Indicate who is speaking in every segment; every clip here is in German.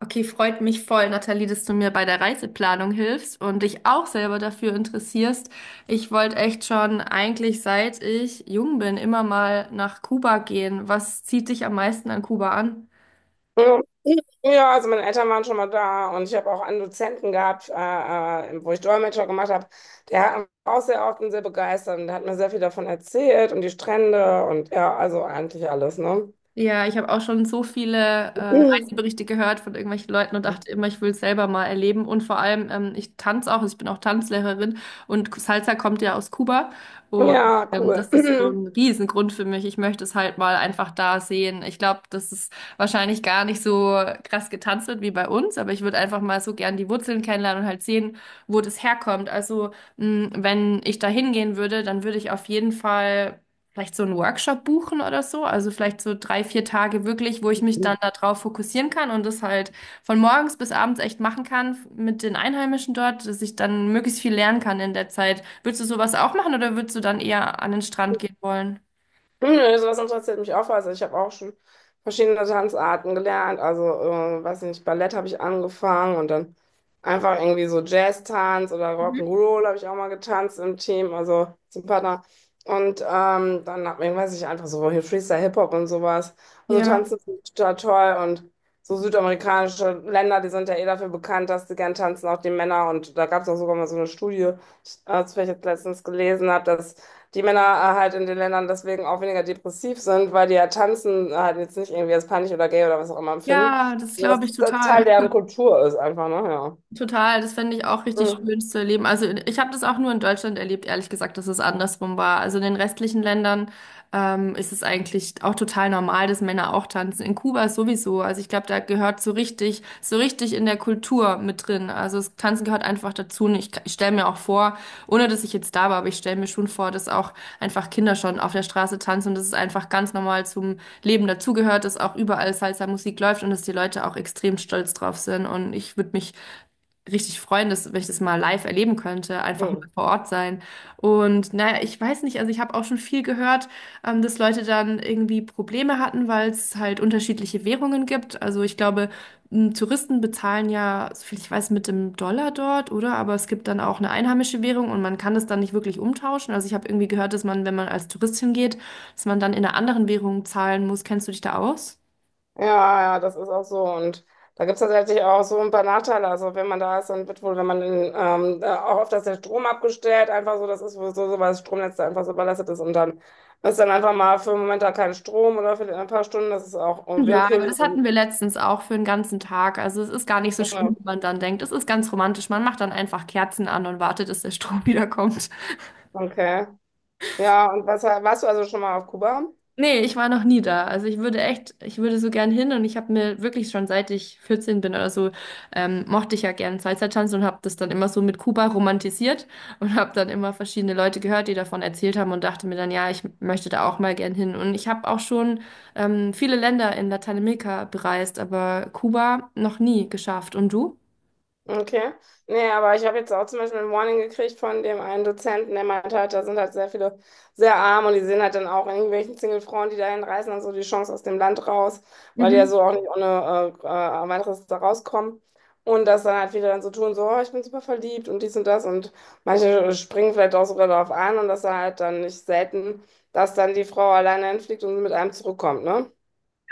Speaker 1: Okay, freut mich voll, Nathalie, dass du mir bei der Reiseplanung hilfst und dich auch selber dafür interessierst. Ich wollte echt schon eigentlich seit ich jung bin immer mal nach Kuba gehen. Was zieht dich am meisten an Kuba an?
Speaker 2: Ja, Ja, also meine Eltern waren schon mal da und ich habe auch einen Dozenten gehabt, wo ich Dolmetscher gemacht habe. Der hat auch sehr oft und sehr begeistert und der hat mir sehr viel davon erzählt und die Strände und ja, also eigentlich alles, ne?
Speaker 1: Ja, ich habe auch schon so viele Reiseberichte gehört von irgendwelchen Leuten und dachte immer, ich will es selber mal erleben. Und vor allem, ich tanze auch, also ich bin auch Tanzlehrerin und Salsa kommt ja aus Kuba. Und
Speaker 2: Ja,
Speaker 1: das
Speaker 2: cool.
Speaker 1: ist so ein Riesengrund für mich. Ich möchte es halt mal einfach da sehen. Ich glaube, dass es wahrscheinlich gar nicht so krass getanzt wird wie bei uns, aber ich würde einfach mal so gern die Wurzeln kennenlernen und halt sehen, wo das herkommt. Also, wenn ich da hingehen würde, dann würde ich auf jeden Fall vielleicht so einen Workshop buchen oder so. Also vielleicht so 3, 4 Tage wirklich, wo ich mich dann darauf fokussieren kann und das halt von morgens bis abends echt machen kann mit den Einheimischen dort, dass ich dann möglichst viel lernen kann in der Zeit. Würdest du sowas auch machen oder würdest du dann eher an den Strand gehen wollen?
Speaker 2: Nö, sowas interessiert mich auch. Also ich habe auch schon verschiedene Tanzarten gelernt. Also, weiß nicht, Ballett habe ich angefangen und dann einfach irgendwie so Jazz-Tanz oder
Speaker 1: Mhm.
Speaker 2: Rock'n'Roll habe ich auch mal getanzt im Team, also zum Partner. Und dann hab ich, weiß ich, einfach so hier Freestyle-Hip-Hop und sowas. Also
Speaker 1: Ja.
Speaker 2: tanzen finde ich total toll und so südamerikanische Länder, die sind ja eh dafür bekannt, dass sie gern tanzen, auch die Männer. Und da gab es auch sogar mal so eine Studie, das ich jetzt letztens gelesen habe, dass die Männer halt in den Ländern deswegen auch weniger depressiv sind, weil die ja tanzen halt jetzt nicht irgendwie als peinlich oder gay oder was auch immer empfinden.
Speaker 1: Ja, das glaube ich
Speaker 2: Das
Speaker 1: total.
Speaker 2: Teil deren Kultur ist einfach, ne? Ja.
Speaker 1: Total, das fände ich auch richtig
Speaker 2: Mhm.
Speaker 1: schön zu erleben. Also ich habe das auch nur in Deutschland erlebt, ehrlich gesagt, dass es andersrum war. Also in den restlichen Ländern ist es eigentlich auch total normal, dass Männer auch tanzen. In Kuba sowieso. Also ich glaube, da gehört so richtig in der Kultur mit drin. Also das Tanzen gehört einfach dazu. Und ich stelle mir auch vor, ohne dass ich jetzt da war, aber ich stelle mir schon vor, dass auch einfach Kinder schon auf der Straße tanzen und dass es einfach ganz normal zum Leben dazugehört, dass auch überall Salsa-Musik läuft und dass die Leute auch extrem stolz drauf sind. Und ich würde mich richtig freuen, dass, wenn ich das mal live erleben könnte, einfach mal
Speaker 2: Mhm.
Speaker 1: vor Ort sein. Und naja, ich weiß nicht, also ich habe auch schon viel gehört, dass Leute dann irgendwie Probleme hatten, weil es halt unterschiedliche Währungen gibt. Also ich glaube, Touristen bezahlen ja, soviel ich weiß, mit dem Dollar dort, oder? Aber es gibt dann auch eine einheimische Währung und man kann das dann nicht wirklich umtauschen. Also ich habe irgendwie gehört, dass man, wenn man als Tourist hingeht, dass man dann in einer anderen Währung zahlen muss. Kennst du dich da aus?
Speaker 2: Ja, ja, das ist auch so. Und da gibt es tatsächlich auch so ein paar Nachteile. Also wenn man da ist, dann wird wohl, wenn man auch oft, dass der Strom abgestellt, einfach so, das ist wohl so, weil das Stromnetz da einfach so überlastet ist und dann ist dann einfach mal für einen Moment da kein Strom oder für ein paar Stunden, das ist auch
Speaker 1: Ja, aber
Speaker 2: willkürlich.
Speaker 1: das hatten wir letztens auch für einen ganzen Tag. Also es ist gar nicht so schlimm,
Speaker 2: Ja,
Speaker 1: wie man dann denkt. Es ist ganz romantisch. Man macht dann einfach Kerzen an und wartet, dass der Strom wiederkommt.
Speaker 2: okay. Ja, und was, warst du also schon mal auf Kuba?
Speaker 1: Nee, ich war noch nie da. Also ich würde echt, ich würde so gern hin und ich habe mir wirklich schon seit ich 14 bin oder so, mochte ich ja gern Salsa-Tanz und habe das dann immer so mit Kuba romantisiert und habe dann immer verschiedene Leute gehört, die davon erzählt haben und dachte mir dann, ja, ich möchte da auch mal gern hin. Und ich habe auch schon viele Länder in Lateinamerika bereist, aber Kuba noch nie geschafft. Und du?
Speaker 2: Okay. Nee, aber ich habe jetzt auch zum Beispiel ein Warning gekriegt von dem einen Dozenten, der meinte halt, da sind halt sehr viele sehr arm und die sehen halt dann auch in irgendwelchen Single-Frauen, die dahin reisen, dann so die Chance aus dem Land raus, weil die ja
Speaker 1: Mhm.
Speaker 2: so auch nicht ohne weiteres da rauskommen. Und das dann halt viele dann so tun, so, oh, ich bin super verliebt und dies und das und manche springen vielleicht auch sogar darauf an und das dann halt dann nicht selten, dass dann die Frau alleine hinfliegt und mit einem zurückkommt, ne?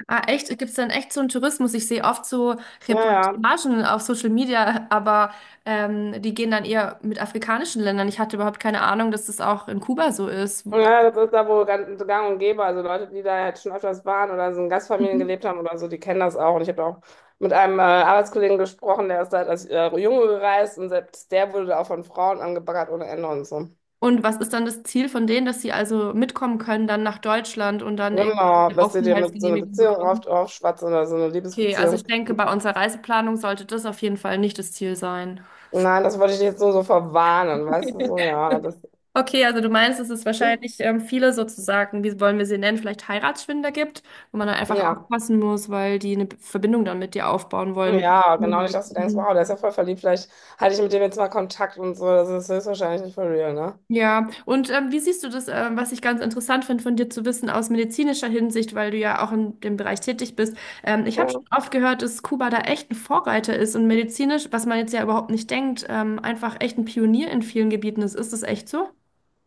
Speaker 1: Ah, echt? Gibt es dann echt so einen Tourismus? Ich sehe oft so
Speaker 2: Ja.
Speaker 1: Reportagen auf Social Media, aber die gehen dann eher mit afrikanischen Ländern. Ich hatte überhaupt keine Ahnung, dass das auch in Kuba so ist.
Speaker 2: Ja, das ist da wohl ganz gang und gäbe. Also Leute, die da halt schon öfters waren oder so in Gastfamilien
Speaker 1: Mhm.
Speaker 2: gelebt haben oder so, die kennen das auch. Und ich habe auch mit einem Arbeitskollegen gesprochen, der ist da als Junge gereist und selbst der wurde da auch von Frauen angebaggert ohne Ende und so.
Speaker 1: Und was ist dann das Ziel von denen, dass sie also mitkommen können dann nach Deutschland und dann irgendwie
Speaker 2: Genau,
Speaker 1: eine
Speaker 2: dass sie dir mit so einer
Speaker 1: Aufenthaltsgenehmigung
Speaker 2: Beziehung
Speaker 1: bekommen?
Speaker 2: oft aufschwatzen oder so eine
Speaker 1: Okay, also
Speaker 2: Liebesbeziehung.
Speaker 1: ich denke, bei unserer Reiseplanung sollte das auf jeden Fall nicht das Ziel sein.
Speaker 2: Nein, das wollte ich jetzt nur so verwarnen, weißt du, so, ja, das,
Speaker 1: Okay, also du meinst, dass es
Speaker 2: hm,
Speaker 1: wahrscheinlich viele sozusagen, wie wollen wir sie nennen, vielleicht Heiratsschwindler gibt, wo man dann einfach
Speaker 2: ja.
Speaker 1: aufpassen muss, weil die eine Verbindung dann mit dir aufbauen wollen, mit
Speaker 2: Ja,
Speaker 1: dem
Speaker 2: genau, nicht,
Speaker 1: Inhalt.
Speaker 2: dass du denkst, wow,
Speaker 1: Mhm.
Speaker 2: der ist ja voll verliebt, vielleicht halte ich mit dem jetzt mal Kontakt und so, das ist höchstwahrscheinlich nicht for real, ne?
Speaker 1: Ja, und wie siehst du das, was ich ganz interessant finde, von dir zu wissen aus medizinischer Hinsicht, weil du ja auch in dem Bereich tätig bist. Ich habe schon oft gehört, dass Kuba da echt ein Vorreiter ist und medizinisch, was man jetzt ja überhaupt nicht denkt, einfach echt ein Pionier in vielen Gebieten ist. Ist das echt so?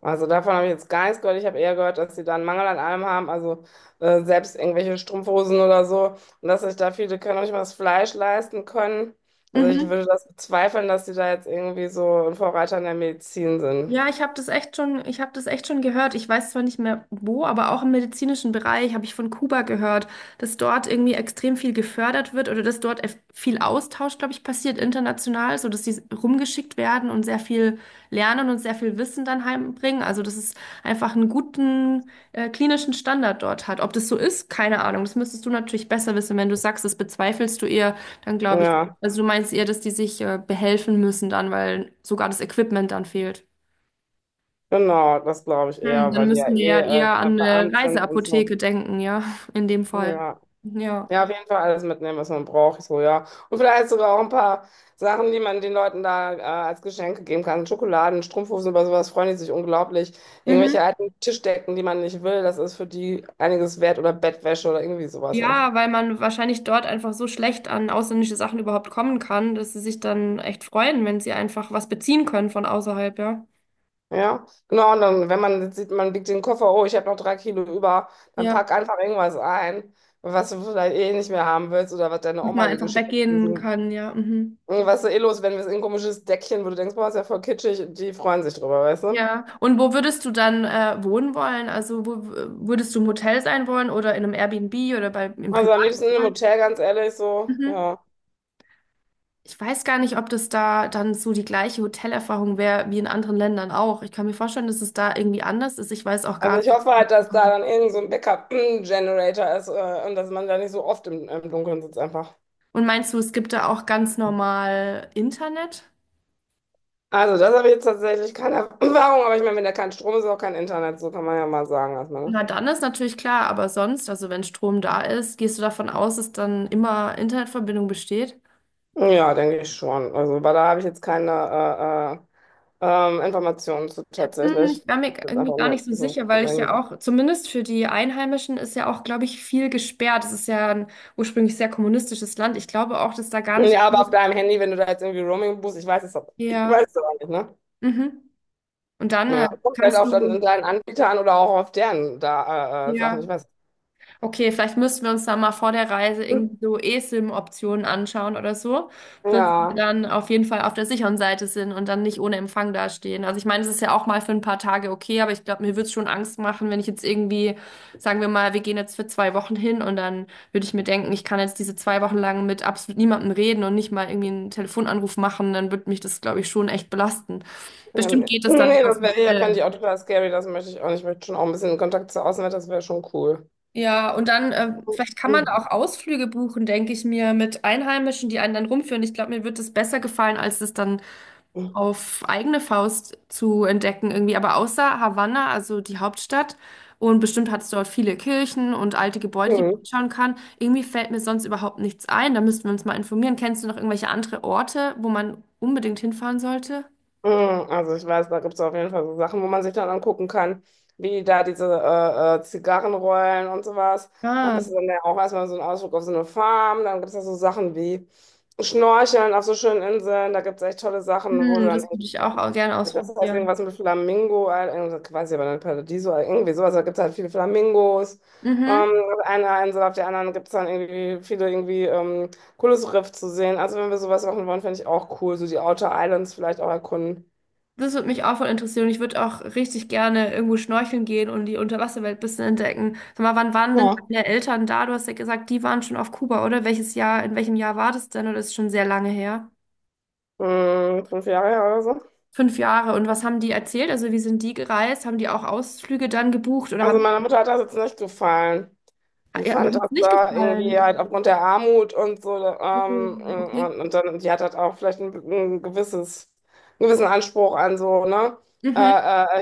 Speaker 2: Also davon habe ich jetzt gar nichts gehört. Ich habe eher gehört, dass sie da einen Mangel an allem haben, also selbst irgendwelche Strumpfhosen oder so, und dass sich da viele können auch nicht mal das Fleisch leisten können. Also ich
Speaker 1: Mhm.
Speaker 2: würde das bezweifeln, dass sie da jetzt irgendwie so ein Vorreiter in der Medizin sind.
Speaker 1: Ja, ich habe das echt schon gehört. Ich weiß zwar nicht mehr wo, aber auch im medizinischen Bereich habe ich von Kuba gehört, dass dort irgendwie extrem viel gefördert wird oder dass dort viel Austausch, glaube ich, passiert international, so dass sie rumgeschickt werden und sehr viel lernen und sehr viel Wissen dann heimbringen. Also, dass es einfach einen guten klinischen Standard dort hat. Ob das so ist, keine Ahnung. Das müsstest du natürlich besser wissen. Wenn du sagst, das bezweifelst du eher, dann glaube ich,
Speaker 2: Ja,
Speaker 1: also du meinst eher, dass die sich behelfen müssen dann, weil sogar das Equipment dann fehlt.
Speaker 2: genau, das glaube ich
Speaker 1: Hm,
Speaker 2: eher,
Speaker 1: dann
Speaker 2: weil die ja
Speaker 1: müssen wir
Speaker 2: eh
Speaker 1: ja eher
Speaker 2: da
Speaker 1: an eine
Speaker 2: verarmt sind und so.
Speaker 1: Reiseapotheke denken, ja, in dem Fall.
Speaker 2: Ja.
Speaker 1: Ja.
Speaker 2: Ja, auf jeden Fall alles mitnehmen, was man braucht. Ich so, ja. Und vielleicht sogar auch ein paar Sachen, die man den Leuten da als Geschenke geben kann. Schokoladen, Strumpfhosen, über sowas freuen die sich unglaublich.
Speaker 1: Mhm.
Speaker 2: Irgendwelche alten Tischdecken, die man nicht will, das ist für die einiges wert, oder Bettwäsche oder irgendwie sowas, weißt du.
Speaker 1: Ja, weil man wahrscheinlich dort einfach so schlecht an ausländische Sachen überhaupt kommen kann, dass sie sich dann echt freuen, wenn sie einfach was beziehen können von außerhalb, ja.
Speaker 2: Ja, genau. Und dann, wenn man jetzt sieht, man biegt den Koffer, oh, ich habe noch 3 Kilo über, dann
Speaker 1: Ja.
Speaker 2: pack einfach irgendwas ein, was du vielleicht eh nicht mehr haben willst oder was deine
Speaker 1: Dass man
Speaker 2: Oma dir
Speaker 1: einfach
Speaker 2: geschickt hat.
Speaker 1: weggehen kann, ja. Mhm.
Speaker 2: Irgendwas eh los, wenn wir es in ein komisches Deckchen, wo du denkst, boah, ist ja voll kitschig, die freuen sich drüber, weißt du?
Speaker 1: Ja. Und wo würdest du dann wohnen wollen? Also wo würdest du im Hotel sein wollen oder in einem Airbnb oder bei im
Speaker 2: Also am
Speaker 1: Privatfall?
Speaker 2: liebsten im Hotel, ganz ehrlich, so, ja.
Speaker 1: Ich weiß gar nicht, ob das da dann so die gleiche Hotelerfahrung wäre wie in anderen Ländern auch. Ich kann mir vorstellen, dass es da irgendwie anders ist. Ich weiß auch gar
Speaker 2: Also ich
Speaker 1: nicht.
Speaker 2: hoffe halt,
Speaker 1: äh,
Speaker 2: dass da dann irgend so ein Backup-Generator ist und dass man da nicht so oft im Dunkeln sitzt einfach.
Speaker 1: Und meinst du, es gibt da auch ganz normal Internet?
Speaker 2: Also das habe ich jetzt tatsächlich keine Erfahrung, aber ich meine, wenn da kein Strom ist, auch kein Internet, so kann man ja mal sagen erstmal,
Speaker 1: Na, dann ist natürlich klar, aber sonst, also wenn Strom da ist, gehst du davon aus, dass dann immer Internetverbindung besteht?
Speaker 2: ne? Ja, denke ich schon. Also, aber da habe ich jetzt keine Informationen zu
Speaker 1: Hm,
Speaker 2: tatsächlich.
Speaker 1: ich war mir
Speaker 2: Das ist
Speaker 1: irgendwie
Speaker 2: einfach
Speaker 1: gar nicht
Speaker 2: nur
Speaker 1: so
Speaker 2: so
Speaker 1: sicher, weil ich ja
Speaker 2: reingesagt.
Speaker 1: auch, zumindest für die Einheimischen, ist ja auch, glaube ich, viel gesperrt. Es ist ja ein ursprünglich sehr kommunistisches Land. Ich glaube auch, dass da gar nicht
Speaker 2: Ja, aber
Speaker 1: alles.
Speaker 2: auf deinem Handy, wenn du da jetzt irgendwie Roaming buchst, ich
Speaker 1: Ja.
Speaker 2: weiß es aber nicht, ne?
Speaker 1: Mhm. Und dann
Speaker 2: Ja, kommt halt auf dann deinen Anbieter an oder auch auf deren da, Sachen,
Speaker 1: ja,
Speaker 2: ich weiß.
Speaker 1: okay, vielleicht müssten wir uns da mal vor der Reise irgendwie so esim optionen anschauen oder so, dass wir
Speaker 2: Ja,
Speaker 1: dann auf jeden Fall auf der sicheren Seite sind und dann nicht ohne Empfang dastehen. Also ich meine, es ist ja auch mal für ein paar Tage okay, aber ich glaube, mir würde es schon Angst machen, wenn ich jetzt irgendwie, sagen wir mal, wir gehen jetzt für 2 Wochen hin und dann würde ich mir denken, ich kann jetzt diese 2 Wochen lang mit absolut niemandem reden und nicht mal irgendwie einen Telefonanruf machen, dann würde mich das, glaube ich, schon echt belasten.
Speaker 2: ja,
Speaker 1: Bestimmt geht es dann
Speaker 2: nee,
Speaker 1: über das
Speaker 2: das wäre ja, kann
Speaker 1: Hotel,
Speaker 2: ich auch total scary, das möchte ich auch nicht. Ich möchte schon auch ein bisschen in Kontakt zur Außenwelt, das wäre schon cool.
Speaker 1: ja, und dann, vielleicht kann man da auch
Speaker 2: Mhm.
Speaker 1: Ausflüge buchen, denke ich mir, mit Einheimischen, die einen dann rumführen. Ich glaube, mir wird es besser gefallen, als es dann auf eigene Faust zu entdecken irgendwie. Aber außer Havanna, also die Hauptstadt, und bestimmt hat es dort viele Kirchen und alte Gebäude, die man
Speaker 2: Mhm.
Speaker 1: anschauen kann. Irgendwie fällt mir sonst überhaupt nichts ein. Da müssten wir uns mal informieren. Kennst du noch irgendwelche andere Orte, wo man unbedingt hinfahren sollte?
Speaker 2: Also ich weiß, da gibt es auf jeden Fall so Sachen, wo man sich dann angucken kann, wie da diese Zigarrenrollen und sowas. Dann
Speaker 1: Ah,
Speaker 2: bist du dann ja auch erstmal so ein Ausflug auf so eine Farm. Dann gibt es da so Sachen wie Schnorcheln auf so schönen Inseln. Da gibt es echt tolle Sachen, wo du
Speaker 1: hm,
Speaker 2: dann
Speaker 1: das würde ich auch, auch gerne
Speaker 2: das heißt
Speaker 1: ausprobieren.
Speaker 2: irgendwas mit Flamingo, irgendwas- weiß ich aber nicht, Paradiso, irgendwie sowas. Da gibt es halt viele Flamingos.
Speaker 1: Mhm.
Speaker 2: Ähm, auf einer Insel, auf der anderen gibt es dann irgendwie viele irgendwie cooles Riff zu sehen. Also wenn wir sowas machen wollen, fände ich auch cool. So die Outer Islands vielleicht auch erkunden.
Speaker 1: Das würde mich auch voll interessieren. Ich würde auch richtig gerne irgendwo schnorcheln gehen und die Unterwasserwelt ein bisschen entdecken. Sag mal, wann waren denn
Speaker 2: Ja.
Speaker 1: deine Eltern da? Du hast ja gesagt, die waren schon auf Kuba, oder? Welches Jahr, in welchem Jahr war das denn? Oder ist schon sehr lange her?
Speaker 2: Hm, 5 Jahre her oder so.
Speaker 1: 5 Jahre. Und was haben die erzählt? Also, wie sind die gereist? Haben die auch Ausflüge dann gebucht oder
Speaker 2: Also
Speaker 1: haben
Speaker 2: meiner Mutter hat das jetzt nicht gefallen. Die
Speaker 1: ja, hat
Speaker 2: fand
Speaker 1: es
Speaker 2: das
Speaker 1: nicht
Speaker 2: da irgendwie
Speaker 1: gefallen?
Speaker 2: halt aufgrund der Armut und so,
Speaker 1: Oh, okay.
Speaker 2: und dann, die hat halt auch vielleicht ein gewisses, einen gewissen Anspruch an so, ne,
Speaker 1: Mhm.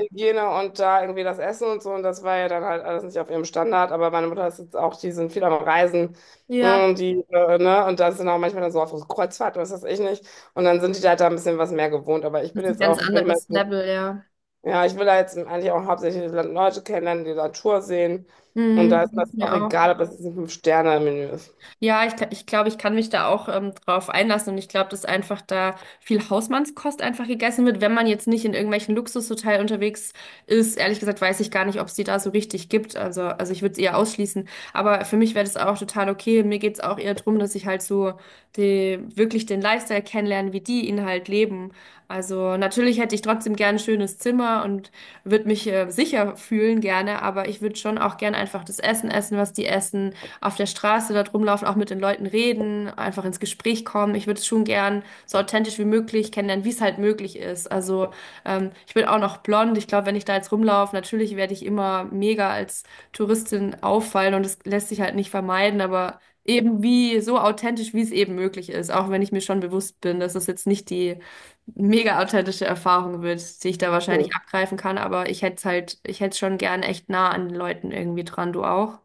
Speaker 2: Hygiene und da irgendwie das Essen und so, und das war ja dann halt alles nicht auf ihrem Standard, aber meine Mutter ist jetzt auch, die sind viel am Reisen,
Speaker 1: Ja.
Speaker 2: die, ne, und da sind auch manchmal dann so auf Kreuzfahrt, was weiß ich nicht, und dann sind die da halt da ein bisschen was mehr gewohnt, aber ich
Speaker 1: Das
Speaker 2: bin
Speaker 1: ist ein
Speaker 2: jetzt
Speaker 1: ganz
Speaker 2: auch, ich bin immer
Speaker 1: anderes
Speaker 2: so
Speaker 1: Level, ja.
Speaker 2: ja, ich will da jetzt eigentlich auch hauptsächlich Leute kennenlernen, die Natur sehen. Und
Speaker 1: Mhm.
Speaker 2: da
Speaker 1: Das
Speaker 2: ist mir
Speaker 1: geht's
Speaker 2: das auch
Speaker 1: mir auch.
Speaker 2: egal, ob das jetzt ein 5-Sterne-Menü ist.
Speaker 1: Ja, ich glaube, ich kann mich da auch drauf einlassen und ich glaube, dass einfach da viel Hausmannskost einfach gegessen wird, wenn man jetzt nicht in irgendwelchen Luxushotels unterwegs ist. Ehrlich gesagt weiß ich gar nicht, ob es die da so richtig gibt. Also ich würde es eher ausschließen. Aber für mich wäre das auch total okay. Mir geht's auch eher drum, dass ich halt so die, wirklich den Lifestyle kennenlerne, wie die ihn halt leben. Also natürlich hätte ich trotzdem gern ein schönes Zimmer und würde mich sicher fühlen gerne, aber ich würde schon auch gern einfach das Essen essen, was die essen auf der Straße dort rumlaufen, auch mit den Leuten reden, einfach ins Gespräch kommen. Ich würde es schon gern so authentisch wie möglich kennenlernen, wie es halt möglich ist. Also ich bin auch noch blond. Ich glaube, wenn ich da jetzt rumlaufe, natürlich werde ich immer mega als Touristin auffallen und das lässt sich halt nicht vermeiden, aber eben wie so authentisch, wie es eben möglich ist, auch wenn ich mir schon bewusst bin, dass es jetzt nicht die mega authentische Erfahrung wird, die ich da
Speaker 2: Hm.
Speaker 1: wahrscheinlich abgreifen kann, aber ich hätte es schon gern echt nah an den Leuten irgendwie dran, du auch.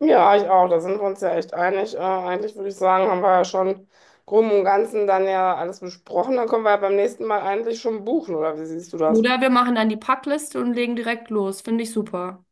Speaker 2: Ja, ich auch. Da sind wir uns ja echt einig. Eigentlich würde ich sagen, haben wir ja schon grob im Ganzen dann ja alles besprochen. Dann können wir ja beim nächsten Mal eigentlich schon buchen, oder wie siehst du das?
Speaker 1: Oder wir machen dann die Packliste und legen direkt los. Finde ich super.